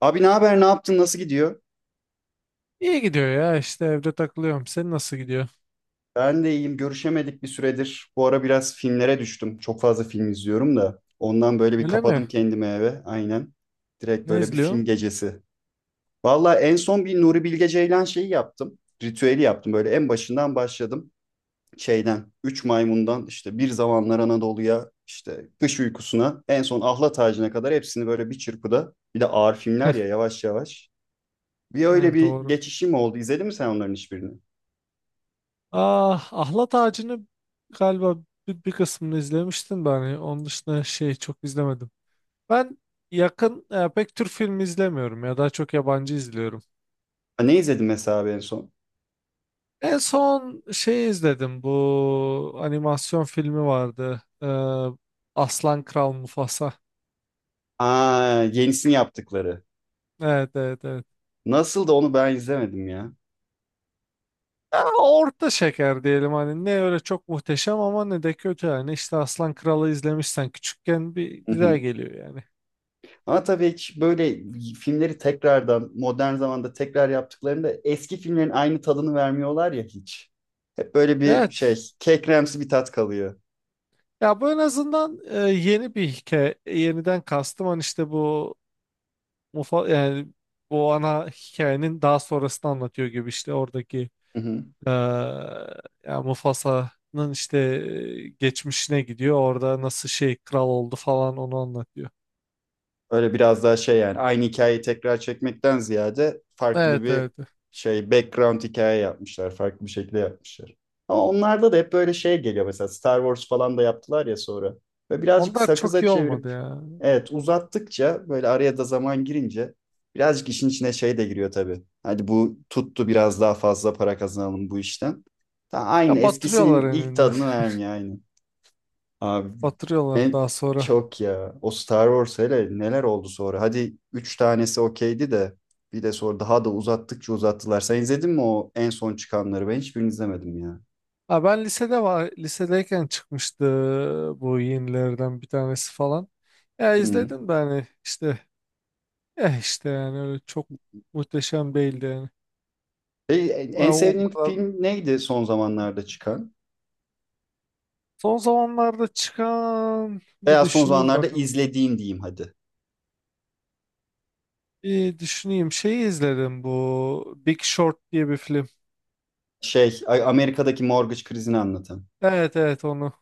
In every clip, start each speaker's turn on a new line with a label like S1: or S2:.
S1: Abi ne haber, ne yaptın, nasıl gidiyor?
S2: İyi gidiyor ya işte evde takılıyorum. Senin nasıl gidiyor?
S1: Ben de iyiyim, görüşemedik bir süredir. Bu ara biraz filmlere düştüm. Çok fazla film izliyorum da. Ondan böyle bir
S2: Öyle mi?
S1: kapadım kendimi eve, aynen. Direkt
S2: Ne
S1: böyle bir film
S2: izliyorsun?
S1: gecesi. Valla en son bir Nuri Bilge Ceylan şeyi yaptım. Ritüeli yaptım, böyle en başından başladım. Şeyden, Üç Maymun'dan işte Bir Zamanlar Anadolu'ya, işte Kış Uykusu'na, en son Ahlat Ağacı'na kadar hepsini böyle bir çırpıda. Bir de ağır filmler ya yavaş yavaş. Bir
S2: Ha,
S1: öyle bir
S2: doğru.
S1: geçişim oldu. İzledin mi sen onların hiçbirini?
S2: Ah, Ahlat Ağacı'nı galiba bir kısmını izlemiştim ben. Yani onun dışında şey çok izlemedim. Ben yakın pek Türk filmi izlemiyorum ya, daha çok yabancı izliyorum.
S1: Ne izledim mesela abi en son?
S2: En son şey izledim, bu animasyon filmi vardı. Aslan Kral Mufasa.
S1: Aa, yenisini yaptıkları.
S2: Evet, evet, evet.
S1: Nasıl da onu ben izlemedim ya.
S2: Ya orta şeker diyelim, hani ne öyle çok muhteşem ama ne de kötü, yani işte Aslan Kralı izlemişsen küçükken bir
S1: Hı
S2: güzel
S1: hı.
S2: geliyor yani.
S1: Ama tabii hiç böyle filmleri tekrardan modern zamanda tekrar yaptıklarında eski filmlerin aynı tadını vermiyorlar ya hiç. Hep böyle bir şey
S2: Evet
S1: kekremsi bir tat kalıyor.
S2: ya, bu en azından yeni bir hikaye, yeniden kastım hani, işte bu mufa yani bu ana hikayenin daha sonrasını anlatıyor gibi, işte oradaki
S1: Hı hı.
S2: e, ya Mufasa'nın işte geçmişine gidiyor, orada nasıl şey kral oldu falan onu anlatıyor.
S1: Öyle biraz daha şey yani aynı hikayeyi tekrar çekmekten ziyade farklı
S2: Evet
S1: bir
S2: evet,
S1: şey background hikaye yapmışlar. Farklı bir şekilde yapmışlar. Ama onlarda da hep böyle şey geliyor mesela Star Wars falan da yaptılar ya sonra. Ve birazcık
S2: onlar çok
S1: sakıza
S2: iyi olmadı
S1: çevirip
S2: ya.
S1: evet uzattıkça böyle araya da zaman girince birazcık işin içine şey de giriyor tabii. Hadi bu tuttu biraz daha fazla para kazanalım bu işten. Ta aynı
S2: Ya batırıyorlar
S1: eskisinin ilk
S2: eninde.
S1: tadını vermiyor aynı. Abi
S2: Batırıyorlar
S1: en
S2: daha sonra.
S1: çok ya. O Star Wars hele neler oldu sonra. Hadi üç tanesi okeydi de bir de sonra daha da uzattıkça uzattılar. Sen izledin mi o en son çıkanları? Ben hiçbirini izlemedim ya.
S2: Ha, ben lisede var. Lisedeyken çıkmıştı bu yenilerden bir tanesi falan. Ya
S1: Hı.
S2: izledim de hani işte eh işte, yani öyle çok muhteşem değildi yani.
S1: E,
S2: Ya
S1: en
S2: o
S1: sevdiğin
S2: kadar.
S1: film neydi son zamanlarda çıkan?
S2: Son zamanlarda çıkan, bir
S1: Veya son
S2: düşüneyim
S1: zamanlarda
S2: bakın.
S1: izlediğin diyeyim hadi.
S2: Bir düşüneyim. Şeyi izledim, bu Big Short diye bir film.
S1: Şey Amerika'daki mortgage krizini anlatan.
S2: Evet evet, onu.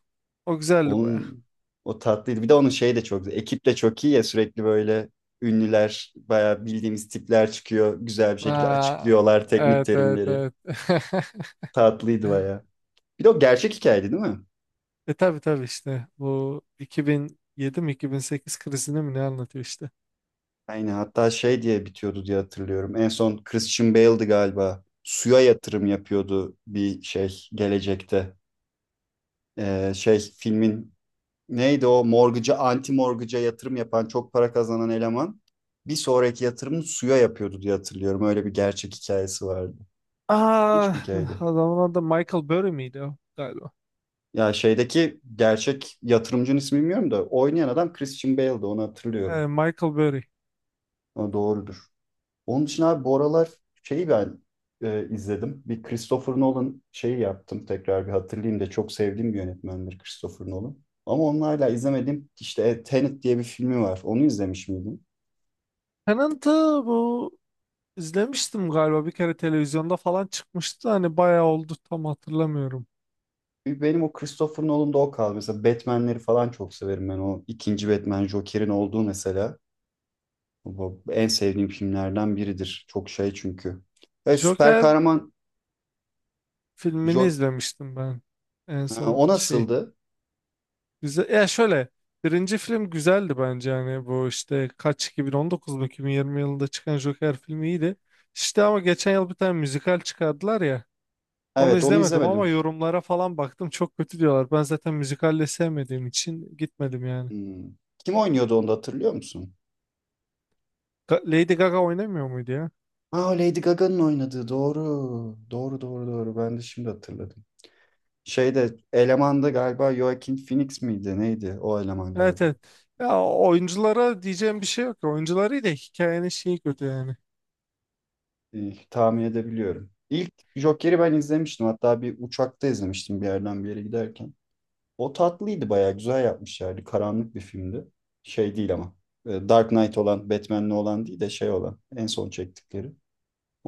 S2: O güzeldi baya.
S1: Onun o tatlıydı. Bir de onun şeyi de çok güzel. Ekip de çok iyi ya sürekli böyle ünlüler, bayağı bildiğimiz tipler çıkıyor. Güzel bir şekilde
S2: Ha,
S1: açıklıyorlar teknik
S2: evet evet
S1: terimleri.
S2: evet.
S1: Tatlıydı bayağı. Bir de o gerçek hikayeydi değil mi?
S2: E tabi tabi, işte bu 2007 mi 2008 krizini mi ne anlatıyor işte.
S1: Aynen hatta şey diye bitiyordu diye hatırlıyorum. En son Christian Bale'di galiba. Suya yatırım yapıyordu bir şey gelecekte. Şey filmin neydi o morgıca, anti morgıca yatırım yapan, çok para kazanan eleman bir sonraki yatırımını suya yapıyordu diye hatırlıyorum. Öyle bir gerçek hikayesi vardı.
S2: Aa,
S1: Hiçbir hikayeydi.
S2: adamın adı Michael Burry miydi o galiba?
S1: Ya şeydeki gerçek yatırımcının ismi bilmiyorum da oynayan adam Christian Bale'dı onu hatırlıyorum.
S2: Michael Burry.
S1: O doğrudur. Onun için abi bu aralar şeyi ben izledim. Bir Christopher Nolan şeyi yaptım tekrar bir hatırlayayım da çok sevdiğim bir yönetmendir Christopher Nolan. Ama onlarla hala izlemediğim işte Tenet diye bir filmi var. Onu izlemiş miydim?
S2: Tenant'ı bu izlemiştim galiba, bir kere televizyonda falan çıkmıştı da hani bayağı oldu, tam hatırlamıyorum.
S1: Benim o Christopher Nolan'da o kaldı. Mesela Batman'leri falan çok severim ben. O ikinci Batman Joker'in olduğu mesela. Bu en sevdiğim filmlerden biridir. Çok şey çünkü. E, süper
S2: Joker
S1: kahraman
S2: filmini
S1: Joker.
S2: izlemiştim ben en son
S1: O
S2: şey.
S1: nasıldı?
S2: Güzel. Ya şöyle, birinci film güzeldi bence, hani bu işte kaç 2019 mu 2020 yılında çıkan Joker filmi iyiydi. İşte ama geçen yıl bir tane müzikal çıkardılar ya. Onu
S1: Evet onu
S2: izlemedim ama
S1: izlemedim.
S2: yorumlara falan baktım, çok kötü diyorlar. Ben zaten müzikalle sevmediğim için gitmedim yani.
S1: Hmm. Kim oynuyordu onu da hatırlıyor musun?
S2: Lady Gaga oynamıyor muydu ya?
S1: Aa Lady Gaga'nın oynadığı doğru. Doğru doğru doğru. Ben de şimdi hatırladım. Şeyde elemanda galiba Joaquin Phoenix miydi? Neydi o eleman
S2: Evet
S1: galiba?
S2: evet. Ya oyunculara diyeceğim bir şey yok. Oyuncuları da, hikayenin şeyi kötü yani.
S1: Tahmin edebiliyorum. İlk Joker'i ben izlemiştim. Hatta bir uçakta izlemiştim bir yerden bir yere giderken. O tatlıydı bayağı güzel yapmışlardı. Karanlık bir filmdi. Şey değil ama. Dark Knight olan, Batman'li olan değil de şey olan. En son çektikleri.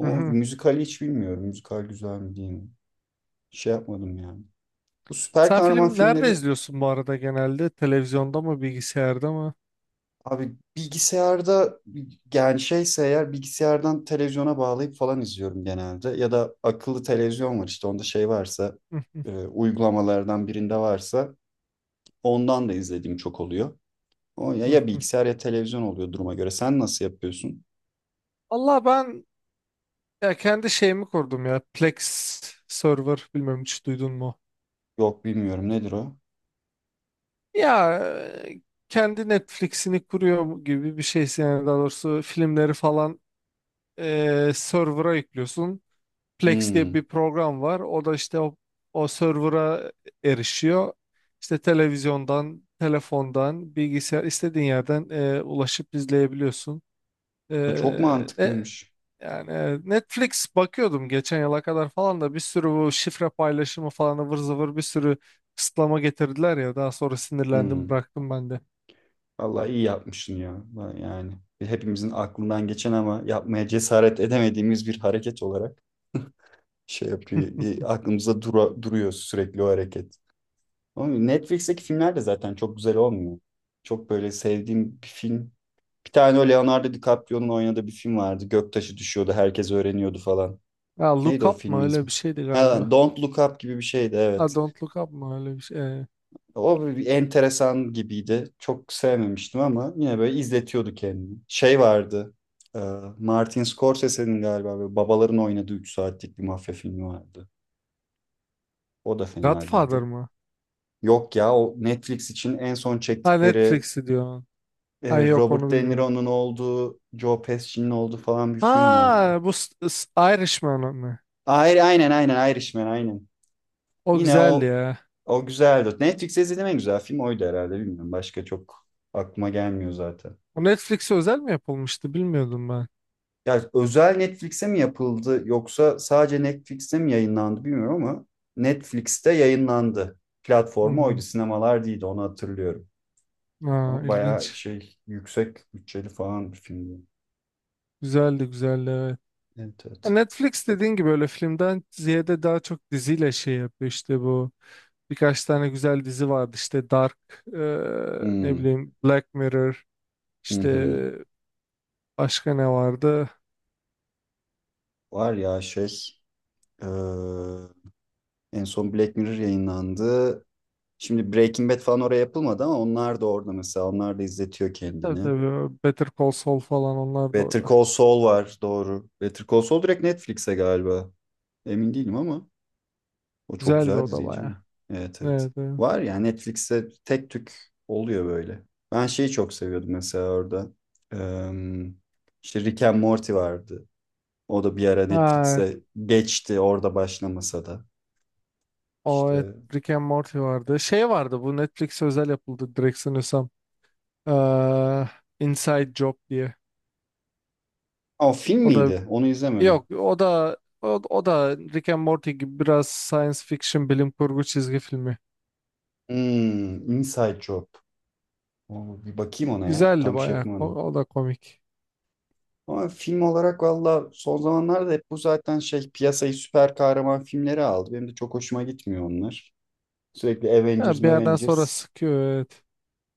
S2: Hı hı.
S1: müzikali hiç bilmiyorum. Müzikal güzel mi değil mi? Şey yapmadım yani. Bu süper
S2: Sen
S1: kahraman
S2: film nerede
S1: filmleri
S2: izliyorsun bu arada, genelde? Televizyonda mı, bilgisayarda mı?
S1: abi bilgisayarda yani şeyse eğer bilgisayardan televizyona bağlayıp falan izliyorum genelde. Ya da akıllı televizyon var işte onda şey varsa
S2: Hı hı
S1: uygulamalardan birinde varsa ondan da izlediğim çok oluyor. O ya, ya
S2: hı.
S1: bilgisayar ya televizyon oluyor duruma göre. Sen nasıl yapıyorsun?
S2: Allah ben ya kendi şeyimi kurdum ya. Plex server, bilmem hiç duydun mu?
S1: Yok bilmiyorum nedir o?
S2: Ya e, kendi Netflix'ini kuruyor gibi bir şeysin, yani daha doğrusu filmleri falan server'a yüklüyorsun. Plex diye bir
S1: Hmm.
S2: program var. O da işte o server'a erişiyor. İşte televizyondan, telefondan, bilgisayar, istediğin yerden ulaşıp izleyebiliyorsun. E,
S1: Çok
S2: e,
S1: mantıklıymış.
S2: Yani evet, Netflix bakıyordum geçen yıla kadar falan da, bir sürü bu şifre paylaşımı falan ıvır zıvır, bir sürü kısıtlama getirdiler ya, daha sonra sinirlendim
S1: Hmm.
S2: bıraktım ben de.
S1: Vallahi iyi yapmışsın ya. Yani hepimizin aklından geçen ama yapmaya cesaret edemediğimiz bir hareket olarak. Şey yapıyor. Aklımızda duruyor sürekli o hareket. Ama Netflix'teki filmler de zaten çok güzel olmuyor. Çok böyle sevdiğim bir film. Bir tane o Leonardo DiCaprio'nun oynadığı bir film vardı. Göktaşı düşüyordu, herkes öğreniyordu falan.
S2: Ya
S1: Neydi
S2: Look
S1: o
S2: Up mı
S1: filmin
S2: öyle
S1: ismi?
S2: bir şeydi galiba.
S1: Ha, Don't Look Up gibi bir şeydi
S2: Ha,
S1: evet.
S2: Don't Look Up mı öyle bir şey.
S1: O bir enteresan gibiydi. Çok sevmemiştim ama yine böyle izletiyordu kendini. Şey vardı. e, Martin Scorsese'nin galiba böyle babaların oynadığı 3 saatlik bir mafya filmi vardı. O da fena
S2: Godfather
S1: değildi.
S2: mı?
S1: Yok ya o Netflix için en son
S2: Ha,
S1: çektikleri
S2: Netflix'i diyor. Ha yok,
S1: Robert
S2: onu
S1: De
S2: bilmiyorum.
S1: Niro'nun olduğu, Joe Pesci'nin olduğu falan bir film vardı.
S2: Ha bu Irishman mı?
S1: Aynen aynen Irishman aynen.
S2: O
S1: Yine
S2: güzel
S1: o
S2: ya.
S1: o güzeldi. Netflix'te izlediğim en güzel film oydu herhalde bilmiyorum. Başka çok aklıma gelmiyor zaten.
S2: O Netflix'e özel mi yapılmıştı, bilmiyordum ben.
S1: Ya özel Netflix'e mi yapıldı yoksa sadece Netflix'te mi yayınlandı bilmiyorum ama Netflix'te yayınlandı. Platformu
S2: Hmm.
S1: oydu, sinemalar değildi onu hatırlıyorum.
S2: Ha,
S1: Ama bayağı
S2: ilginç.
S1: şey yüksek bütçeli falan bir filmdi.
S2: Güzeldi, güzeldi, evet.
S1: Evet,
S2: Ya
S1: evet.
S2: Netflix dediğin gibi öyle filmden ziyade daha çok diziyle şey yapıyor, işte bu birkaç tane güzel dizi vardı, işte Dark, e, ne
S1: Hmm,
S2: bileyim Black Mirror,
S1: hı
S2: işte
S1: hı.
S2: başka ne vardı,
S1: Var ya şey eee, en son Black Mirror yayınlandı. Şimdi Breaking Bad falan oraya yapılmadı ama onlar da orada mesela. Onlar da izletiyor
S2: tabii
S1: kendini.
S2: tabii Better Call Saul falan, onlar da
S1: Better
S2: orada
S1: Call Saul var doğru. Better Call Saul direkt Netflix'e galiba. Emin değilim ama o çok
S2: güzeldi
S1: güzel
S2: o da
S1: diziydi
S2: baya,
S1: canım. Evet evet.
S2: evet, evet.
S1: Var ya Netflix'te tek tük oluyor böyle. Ben şeyi çok seviyordum mesela orada. Eee işte Rick and Morty vardı. O da bir ara
S2: Ay,
S1: Netflix'e geçti orada başlamasa da.
S2: o evet,
S1: İşte
S2: Rick and Morty vardı, şey vardı, bu Netflix özel yapıldı direkt sanıyorsam. Eee Inside Job diye,
S1: o film
S2: o da,
S1: miydi? Onu izlemedim.
S2: yok o da o da Rick and Morty gibi biraz science fiction, bilim kurgu çizgi filmi.
S1: Hmm, Inside Job. Oo, bir bakayım ona ya.
S2: Güzeldi
S1: Tam şey
S2: bayağı.
S1: yapmadım.
S2: O da komik.
S1: Ama film olarak valla son zamanlarda hep bu zaten şey piyasayı süper kahraman filmleri aldı. Benim de çok hoşuma gitmiyor onlar. Sürekli Avengers,
S2: Ha, bir yerden sonra
S1: Avengers.
S2: sıkıyor, evet.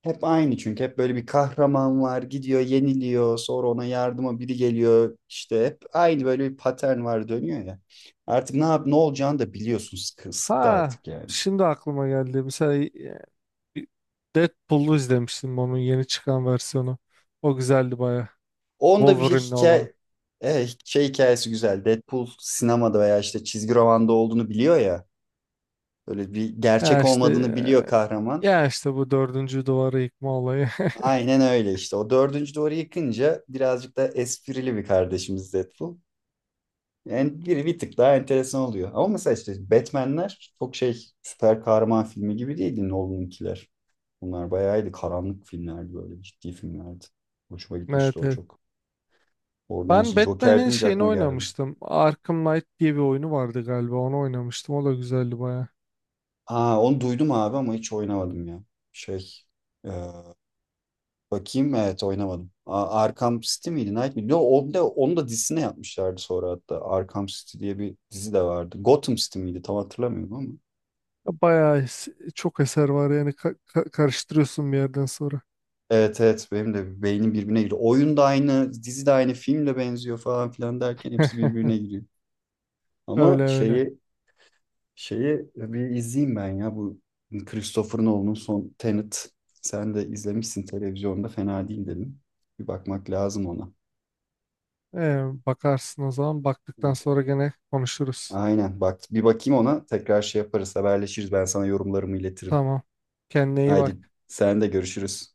S1: Hep aynı çünkü hep böyle bir kahraman var gidiyor yeniliyor sonra ona yardıma biri geliyor işte hep aynı böyle bir patern var dönüyor ya. Artık ne yap ne olacağını da biliyorsun sıktı
S2: Ha,
S1: artık yani.
S2: şimdi aklıma geldi. Mesela Deadpool'u izlemiştim, onun yeni çıkan versiyonu. O güzeldi bayağı.
S1: Onda bir şey
S2: Wolverine'le olan.
S1: hikaye evet, şey hikayesi güzel Deadpool sinemada veya işte çizgi romanda olduğunu biliyor ya böyle bir
S2: Ya
S1: gerçek
S2: işte
S1: olmadığını biliyor kahraman.
S2: ya işte bu dördüncü duvarı yıkma olayı.
S1: Aynen öyle işte o dördüncü duvarı yıkınca birazcık da esprili bir kardeşimiz Deadpool. Yani biri bir tık daha enteresan oluyor. Ama mesela işte Batman'ler çok şey süper kahraman filmi gibi değildi Nolan'ınkiler. Bunlar bayağıydı karanlık filmlerdi böyle ciddi filmlerdi. Hoşuma gitmişti
S2: Evet
S1: o
S2: evet.
S1: çok. Oradan
S2: Ben
S1: şey Joker
S2: Batman'in
S1: deyince
S2: şeyini
S1: aklıma geldi.
S2: oynamıştım. Arkham Knight diye bir oyunu vardı galiba. Onu oynamıştım. O da güzeldi baya.
S1: Aa onu duydum abi ama hiç oynamadım ya. Şey e, bakayım evet oynamadım. Arkham City miydi Night miydi? Yo, onu da dizisine yapmışlardı sonra hatta. Arkham City diye bir dizi de vardı. Gotham City miydi tam hatırlamıyorum ama.
S2: Bayağı çok eser var yani, karıştırıyorsun bir yerden sonra.
S1: Evet evet benim de beynim birbirine giriyor. Oyun da aynı, dizi de aynı, film de benziyor falan filan derken hepsi birbirine giriyor.
S2: Öyle
S1: Ama
S2: öyle.
S1: şeyi bir izleyeyim ben ya bu Christopher Nolan'ın son Tenet. Sen de izlemişsin televizyonda fena değil dedim. Bir bakmak lazım ona.
S2: Bakarsın o zaman. Baktıktan
S1: Evet.
S2: sonra gene konuşuruz.
S1: Aynen bak bir bakayım ona tekrar şey yaparız haberleşiriz ben sana yorumlarımı iletirim.
S2: Tamam. Kendine iyi
S1: Haydi
S2: bak.
S1: sen de görüşürüz.